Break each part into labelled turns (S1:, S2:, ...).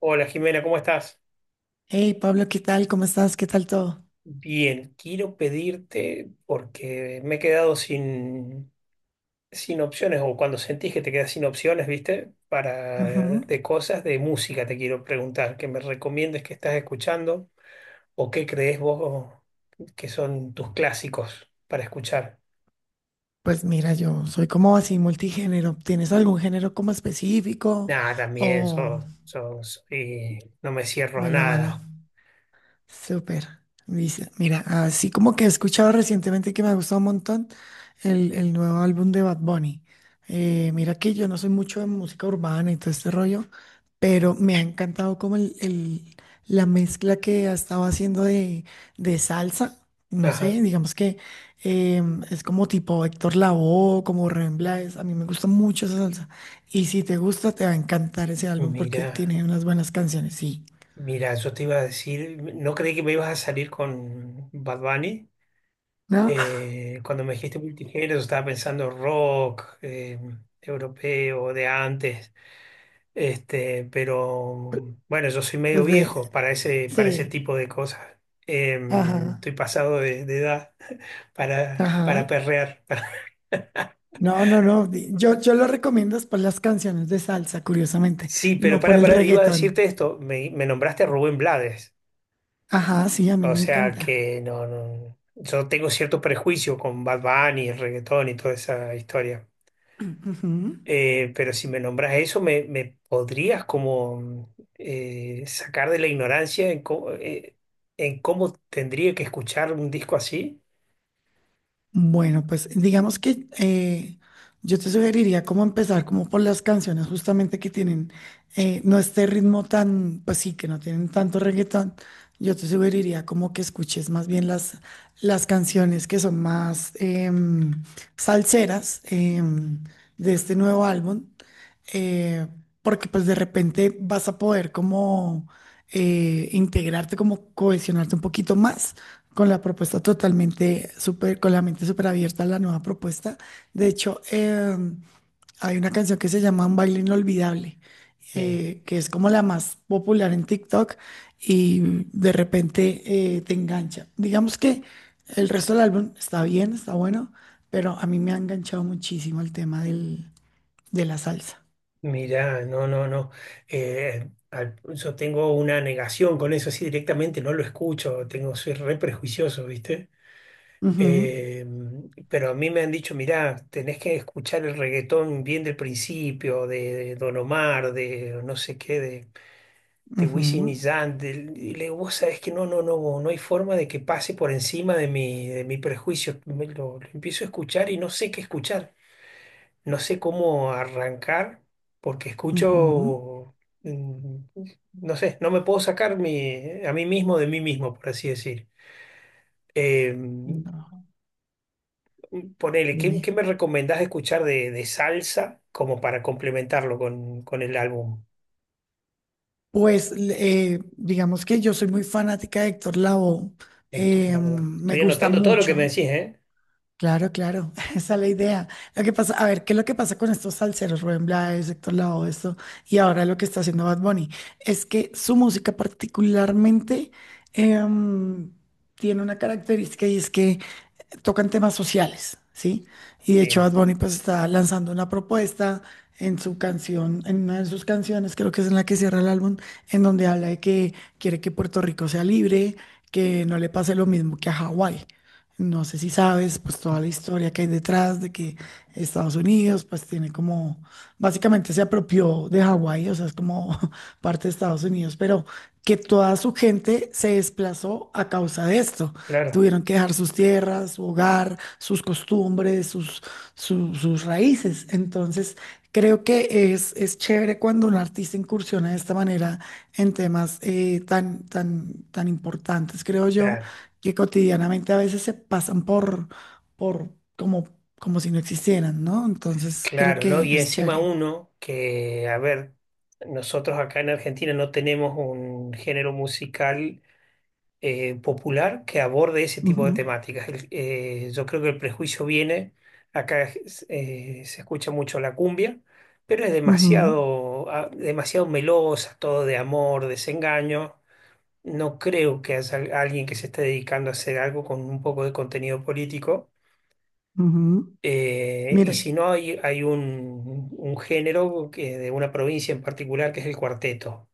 S1: Hola Jimena, ¿cómo estás?
S2: Hey Pablo, ¿qué tal? ¿Cómo estás? ¿Qué tal todo?
S1: Bien, quiero pedirte, porque me he quedado sin opciones, o cuando sentís que te quedas sin opciones, ¿viste? Para
S2: Ujú.
S1: de cosas de música te quiero preguntar, que me recomiendes que estás escuchando o qué crees vos que son tus clásicos para escuchar.
S2: Pues mira, yo soy como así multigénero. ¿Tienes algún género como específico
S1: Nada, también
S2: o
S1: sos y no me cierro a
S2: melómano?
S1: nada.
S2: Súper. Dice, mira, así como que he escuchado recientemente que me ha gustado un montón el nuevo álbum de Bad Bunny. Mira que yo no soy mucho de música urbana y todo este rollo, pero me ha encantado como la mezcla que ha estado haciendo de salsa. No sé,
S1: Ajá.
S2: digamos que es como tipo Héctor Lavoe, como Rubén Blades. A mí me gusta mucho esa salsa. Y si te gusta, te va a encantar ese álbum porque
S1: Mira,
S2: tiene unas buenas canciones, sí.
S1: mira, yo te iba a decir, no creí que me ibas a salir con Bad Bunny.
S2: ¿No?
S1: Cuando me dijiste multigénero, estaba pensando rock europeo de antes. Pero bueno, yo soy medio
S2: Pues de,
S1: viejo para ese
S2: sí,
S1: tipo de cosas. Eh,
S2: ajá,
S1: Estoy pasado de edad para
S2: ajá.
S1: perrear.
S2: No, no, no. Yo lo recomiendo es por las canciones de salsa, curiosamente,
S1: Sí, pero
S2: no por
S1: para,
S2: el
S1: para, iba a decirte
S2: reggaetón.
S1: esto, me nombraste a Rubén Blades,
S2: Ajá, sí, a mí
S1: o
S2: me
S1: sea
S2: encanta.
S1: que no, no, yo tengo cierto prejuicio con Bad Bunny, el reggaetón y toda esa historia.
S2: Ujú.
S1: Pero si me nombras eso, me podrías como sacar de la ignorancia en en cómo tendría que escuchar un disco así.
S2: Bueno, pues digamos que yo te sugeriría cómo empezar como por las canciones justamente que tienen, no este ritmo tan, pues sí, que no tienen tanto reggaetón. Yo te sugeriría como que escuches más bien las canciones que son más em, salseras de este nuevo álbum, eh, porque pues de repente vas a poder como integrarte, como cohesionarte un poquito más con la propuesta totalmente súper, con la mente súper abierta a la nueva propuesta. De hecho, hay una canción que se llama Un baile inolvidable,
S1: Sí.
S2: que es como la más popular en TikTok y de repente te engancha. Digamos que el resto del álbum está bien, está bueno, pero a mí me ha enganchado muchísimo el tema de la salsa.
S1: Mira, no, no, no. Yo tengo una negación con eso, así directamente no lo escucho, soy re prejuicioso, ¿viste?
S2: Ujú,
S1: Eh, pero a mí me han dicho, mirá, tenés que escuchar el reggaetón bien del principio, de Don Omar, de no sé qué, de Wisin y
S2: ujú,
S1: Yandel, y le digo, vos sabés que no, no, no, no hay forma de que pase por encima de mi prejuicio. Me lo empiezo a escuchar y no sé qué escuchar, no sé cómo arrancar, porque
S2: ujú.
S1: escucho, mm, no sé, no me puedo sacar a mí mismo de mí mismo, por así decir. Eh,
S2: No,
S1: Ponele, ¿qué,
S2: dime.
S1: qué me recomendás escuchar de salsa como para complementarlo con el álbum,
S2: Pues digamos que yo soy muy fanática de Héctor Lavoe,
S1: Héctor Lavoe?
S2: me
S1: Estoy
S2: gusta
S1: anotando todo lo que me
S2: mucho,
S1: decís, ¿eh?
S2: claro, claro, esa es la idea. Lo que pasa, a ver, ¿qué es lo que pasa con estos salseros, Rubén Blades, Héctor Lavoe, esto, y ahora lo que está haciendo Bad Bunny? Es que su música particularmente em, tiene una característica y es que tocan temas sociales, ¿sí? Y de hecho
S1: Sí,
S2: Bad Bunny pues está lanzando una propuesta en su canción, en una de sus canciones, creo que es en la que cierra el álbum, en donde habla de que quiere que Puerto Rico sea libre, que no le pase lo mismo que a Hawái. No sé si sabes, pues toda la historia que hay detrás de que Estados Unidos, pues tiene como, básicamente se apropió de Hawái, o sea, es como parte de Estados Unidos, pero que toda su gente se desplazó a causa de esto.
S1: claro.
S2: Tuvieron que dejar sus tierras, su hogar, sus costumbres, sus, sus raíces. Entonces, creo que es chévere cuando un artista incursiona de esta manera en temas tan importantes, creo yo,
S1: Claro.
S2: que cotidianamente a veces se pasan por como, como si no existieran, ¿no? Entonces, creo
S1: Claro, ¿no?
S2: que
S1: Y
S2: es
S1: encima
S2: chévere.
S1: uno que, a ver, nosotros acá en Argentina no tenemos un género musical popular que aborde ese tipo de
S2: Ujú,
S1: temáticas. Yo creo que el prejuicio viene, acá se escucha mucho la cumbia, pero es
S2: ujú,
S1: demasiado melosa, todo de amor, desengaño. No creo que haya alguien que se esté dedicando a hacer algo con un poco de contenido político
S2: ujú.
S1: eh, y
S2: Mire,
S1: si no, hay un género que, de una provincia en particular que es el cuarteto,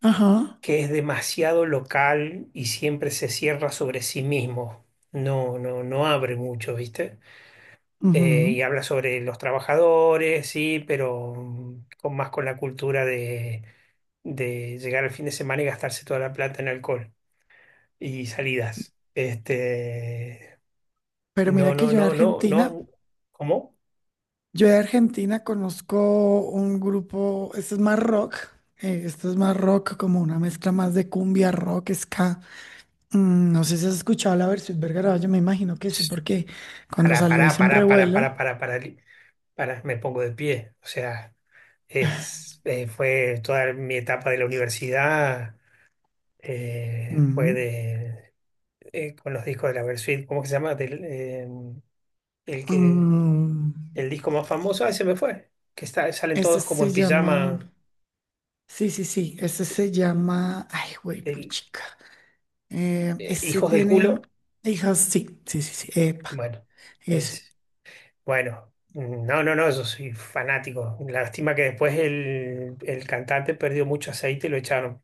S2: ajá,
S1: que es demasiado local y siempre se cierra sobre sí mismo. No, no, no abre mucho, ¿viste? Y
S2: ujú.
S1: habla sobre los trabajadores, sí, pero más con la cultura de llegar al fin de semana y gastarse toda la plata en alcohol y salidas.
S2: Pero
S1: No,
S2: mira que
S1: no,
S2: yo de
S1: no, no,
S2: Argentina.
S1: no. ¿Cómo?
S2: Yo de Argentina conozco un grupo, este es más rock, como una mezcla más de cumbia, rock, ska. Mm, no sé si has escuchado la versión Vergara, yo me imagino que sí, porque cuando
S1: Para,
S2: salió
S1: para,
S2: hizo un
S1: para, para,
S2: revuelo.
S1: para, para, para, para, me pongo de pie. O sea, fue toda mi etapa de la universidad, fue
S2: Ujú.
S1: con los discos de la Versuit, ¿cómo que se llama? El que,
S2: Mm,
S1: el disco más famoso, ese me fue, que está, salen
S2: este
S1: todos como
S2: se
S1: en
S2: llama,
S1: pijama,
S2: sí, sí, sí, este
S1: eh,
S2: se llama, ay, güey,
S1: del,
S2: puchica. Este
S1: hijos del
S2: tiene
S1: culo.
S2: hijas, sí, sí, sí, sí, epa,
S1: Bueno,
S2: ese.
S1: es, bueno. No, no, no, yo soy fanático. Lástima que después el cantante perdió mucho aceite y lo echaron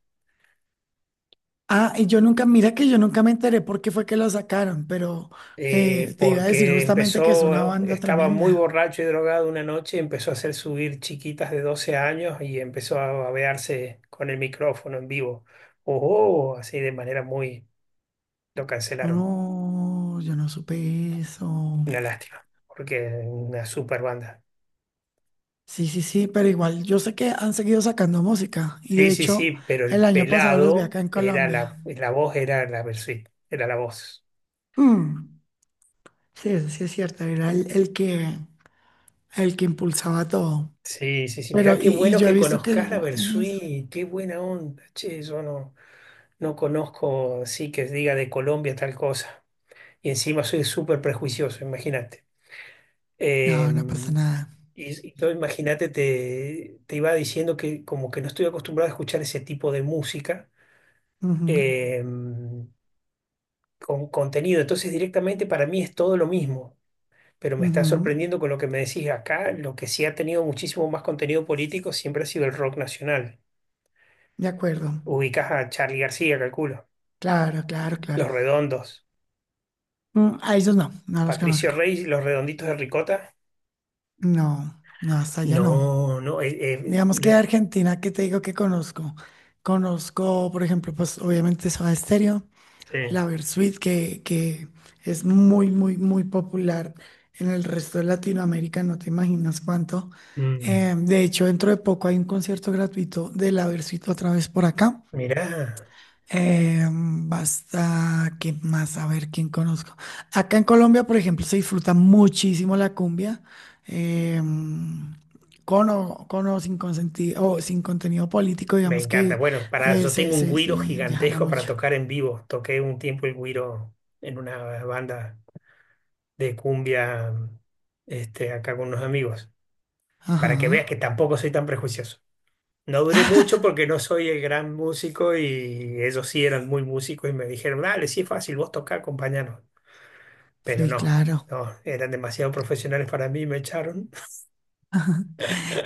S2: Ah, y yo nunca, mira que yo nunca me enteré por qué fue que lo sacaron, pero
S1: eh,
S2: te iba a decir
S1: porque
S2: justamente que es una banda
S1: estaba muy
S2: tremenda.
S1: borracho y drogado una noche, empezó a hacer subir chiquitas de 12 años y empezó a babearse con el micrófono en vivo. Oh, oh, así de manera muy. Lo
S2: Oh,
S1: cancelaron.
S2: no, yo no supe eso.
S1: Una lástima, porque es una super banda.
S2: Sí, sí, sí, pero igual yo sé que han seguido sacando música y
S1: Sí,
S2: de
S1: sí,
S2: hecho
S1: sí, pero el
S2: el año pasado los vi
S1: pelado
S2: acá en
S1: era
S2: Colombia.
S1: la voz, era la Bersuit, era la voz.
S2: Mm, sí, eso sí es cierto, era el que impulsaba todo.
S1: Sí, sí, sí,
S2: Pero,
S1: mirá qué
S2: y
S1: bueno
S2: yo he
S1: que
S2: visto que
S1: conozcas la
S2: él tiene eso.
S1: Bersuit, qué buena onda. Che, yo no conozco, sí, que diga de Colombia tal cosa. Y encima soy súper prejuicioso, imagínate. Eh,
S2: No, no pasa nada.
S1: y todo, imagínate, te iba diciendo que como que no estoy acostumbrado a escuchar ese tipo de música
S2: Ujú,
S1: eh, con contenido. Entonces directamente para mí es todo lo mismo. Pero me está
S2: ujú,
S1: sorprendiendo con lo que me decís acá. Lo que sí ha tenido muchísimo más contenido político siempre ha sido el rock nacional.
S2: de acuerdo.
S1: Ubicás a Charly García, calculo.
S2: Claro, claro, claro.
S1: Los Redondos.
S2: Mm, a ellos no, no los
S1: Patricio
S2: conozco.
S1: Rey, y Los Redonditos de Ricota.
S2: No, no, hasta allá no.
S1: No, no.
S2: Digamos que de Argentina, ¿qué te digo que conozco? Conozco, por ejemplo, pues obviamente Soda Stereo,
S1: Sí.
S2: la Versuit, que es muy popular en el resto de Latinoamérica, no te imaginas cuánto.
S1: Mm,
S2: De hecho, dentro de poco hay un concierto gratuito de la Versuit otra vez por acá.
S1: Mirá,
S2: Basta, ¿qué más? A ver, ¿quién conozco? Acá en Colombia, por ejemplo, se disfruta muchísimo la cumbia, eh, con o sin consentido, o sin contenido político,
S1: me
S2: digamos
S1: encanta.
S2: que
S1: Bueno, para, yo tengo un güiro
S2: se jala
S1: gigantesco para
S2: mucho.
S1: tocar en vivo. Toqué un tiempo el güiro en una banda de cumbia, acá con unos amigos, para que veas que
S2: Ajá,
S1: tampoco soy tan prejuicioso. No duré mucho porque no soy el gran músico y ellos sí eran muy músicos y me dijeron, dale, sí es fácil, vos tocá, acompañanos. Pero
S2: sí,
S1: no,
S2: claro.
S1: no, eran demasiado profesionales para mí y me echaron.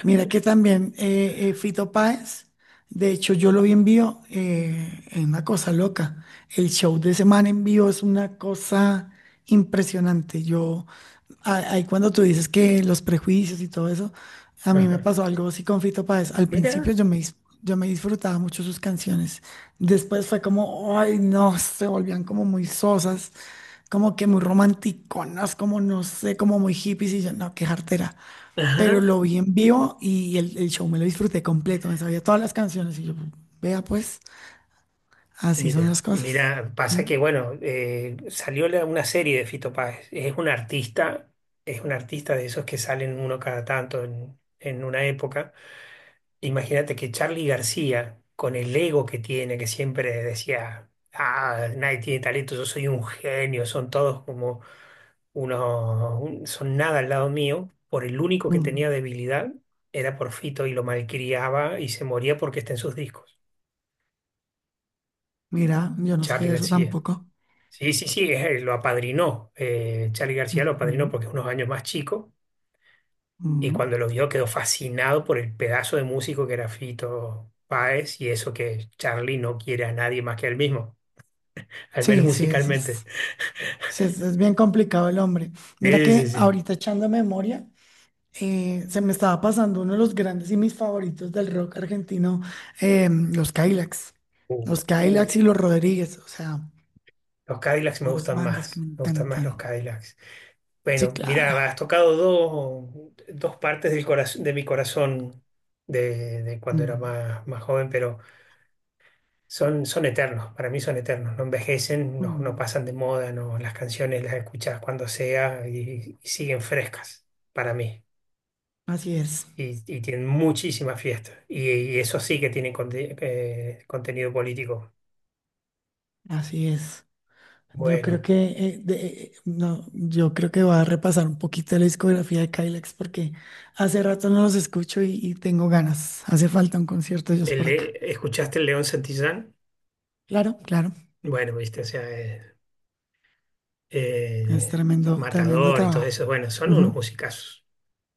S2: Mira que también Fito Páez, de hecho yo lo vi en vivo, es una cosa loca. El show de semana en vivo es una cosa impresionante. Yo, ahí cuando tú dices que los prejuicios y todo eso, a mí me
S1: Ajá.
S2: pasó algo así con Fito Páez. Al principio
S1: Mira.
S2: yo me disfrutaba mucho sus canciones. Después fue como, ay no, se volvían como muy sosas, como que muy romanticonas, como no sé, como muy hippies y yo, no, qué jartera. Pero
S1: Ajá.
S2: lo vi en vivo y el show me lo disfruté completo, me sabía todas las canciones y yo, vea pues, así son
S1: Mira,
S2: las cosas.
S1: mira, pasa
S2: Mm,
S1: que bueno, salió una serie de Fito Páez. Es un artista de esos que salen uno cada tanto en una época. Imagínate que Charly García, con el ego que tiene, que siempre decía, ah, nadie tiene talento, yo soy un genio, son todos como son nada al lado mío, por el único que tenía
S2: mm.
S1: debilidad era por Fito y lo malcriaba y se moría porque está en sus discos.
S2: Mira, yo no
S1: Charly
S2: sabía eso
S1: García.
S2: tampoco.
S1: Sí, sí, sí, lo apadrinó. Charly García lo apadrinó
S2: Ujú,
S1: porque es unos años más chico y
S2: ujú.
S1: cuando lo vio quedó fascinado por el pedazo de músico que era Fito Páez y eso que Charly no quiere a nadie más que a él mismo, al menos
S2: Sí, sí, eso
S1: musicalmente.
S2: es, sí, es bien complicado el hombre. Mira
S1: Sí, sí,
S2: que
S1: sí.
S2: ahorita echando memoria, se me estaba pasando uno de los grandes y mis favoritos del rock argentino, los Cadillacs.
S1: Uh,
S2: Los Cadillacs y
S1: uh,
S2: los Rodríguez, o sea,
S1: Los Cadillacs
S2: dos bandas que me
S1: me gustan más los
S2: encantan.
S1: Cadillacs.
S2: Sí,
S1: Bueno,
S2: claro.
S1: mira, has tocado dos partes del corazón, de mi corazón de cuando era
S2: Mm.
S1: más joven, pero. Son eternos, para mí son eternos, no envejecen, no
S2: Mm,
S1: pasan de moda, no, las canciones las escuchas cuando sea y siguen frescas para mí.
S2: así es,
S1: Y tienen muchísimas fiestas. Y eso sí que tienen contenido político.
S2: así es. Yo creo
S1: Bueno,
S2: que no, yo creo que voy a repasar un poquito la discografía de Kylex porque hace rato no los escucho y tengo ganas. Hace falta un concierto de ellos por acá.
S1: ¿Escuchaste el León Santillán?
S2: Claro, claro.
S1: Bueno, viste, o sea,
S2: Es
S1: eh,
S2: tremendo, tremendo
S1: Matador y todo
S2: trabajo.
S1: eso, bueno, son unos
S2: Ujú.
S1: musicazos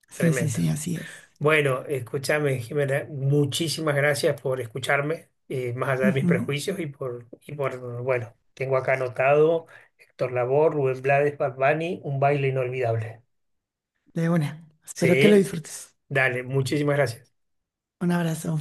S2: Sí, sí, sí,
S1: tremendos.
S2: así es.
S1: Bueno, escúchame, Jimena, muchísimas gracias por escucharme, más allá de mis
S2: Ujú.
S1: prejuicios y por, bueno, tengo acá anotado Héctor Labor, Rubén Blades, Bad Bunny, un baile inolvidable.
S2: De una. Espero que lo
S1: Sí,
S2: disfrutes.
S1: dale, muchísimas gracias.
S2: Un abrazo.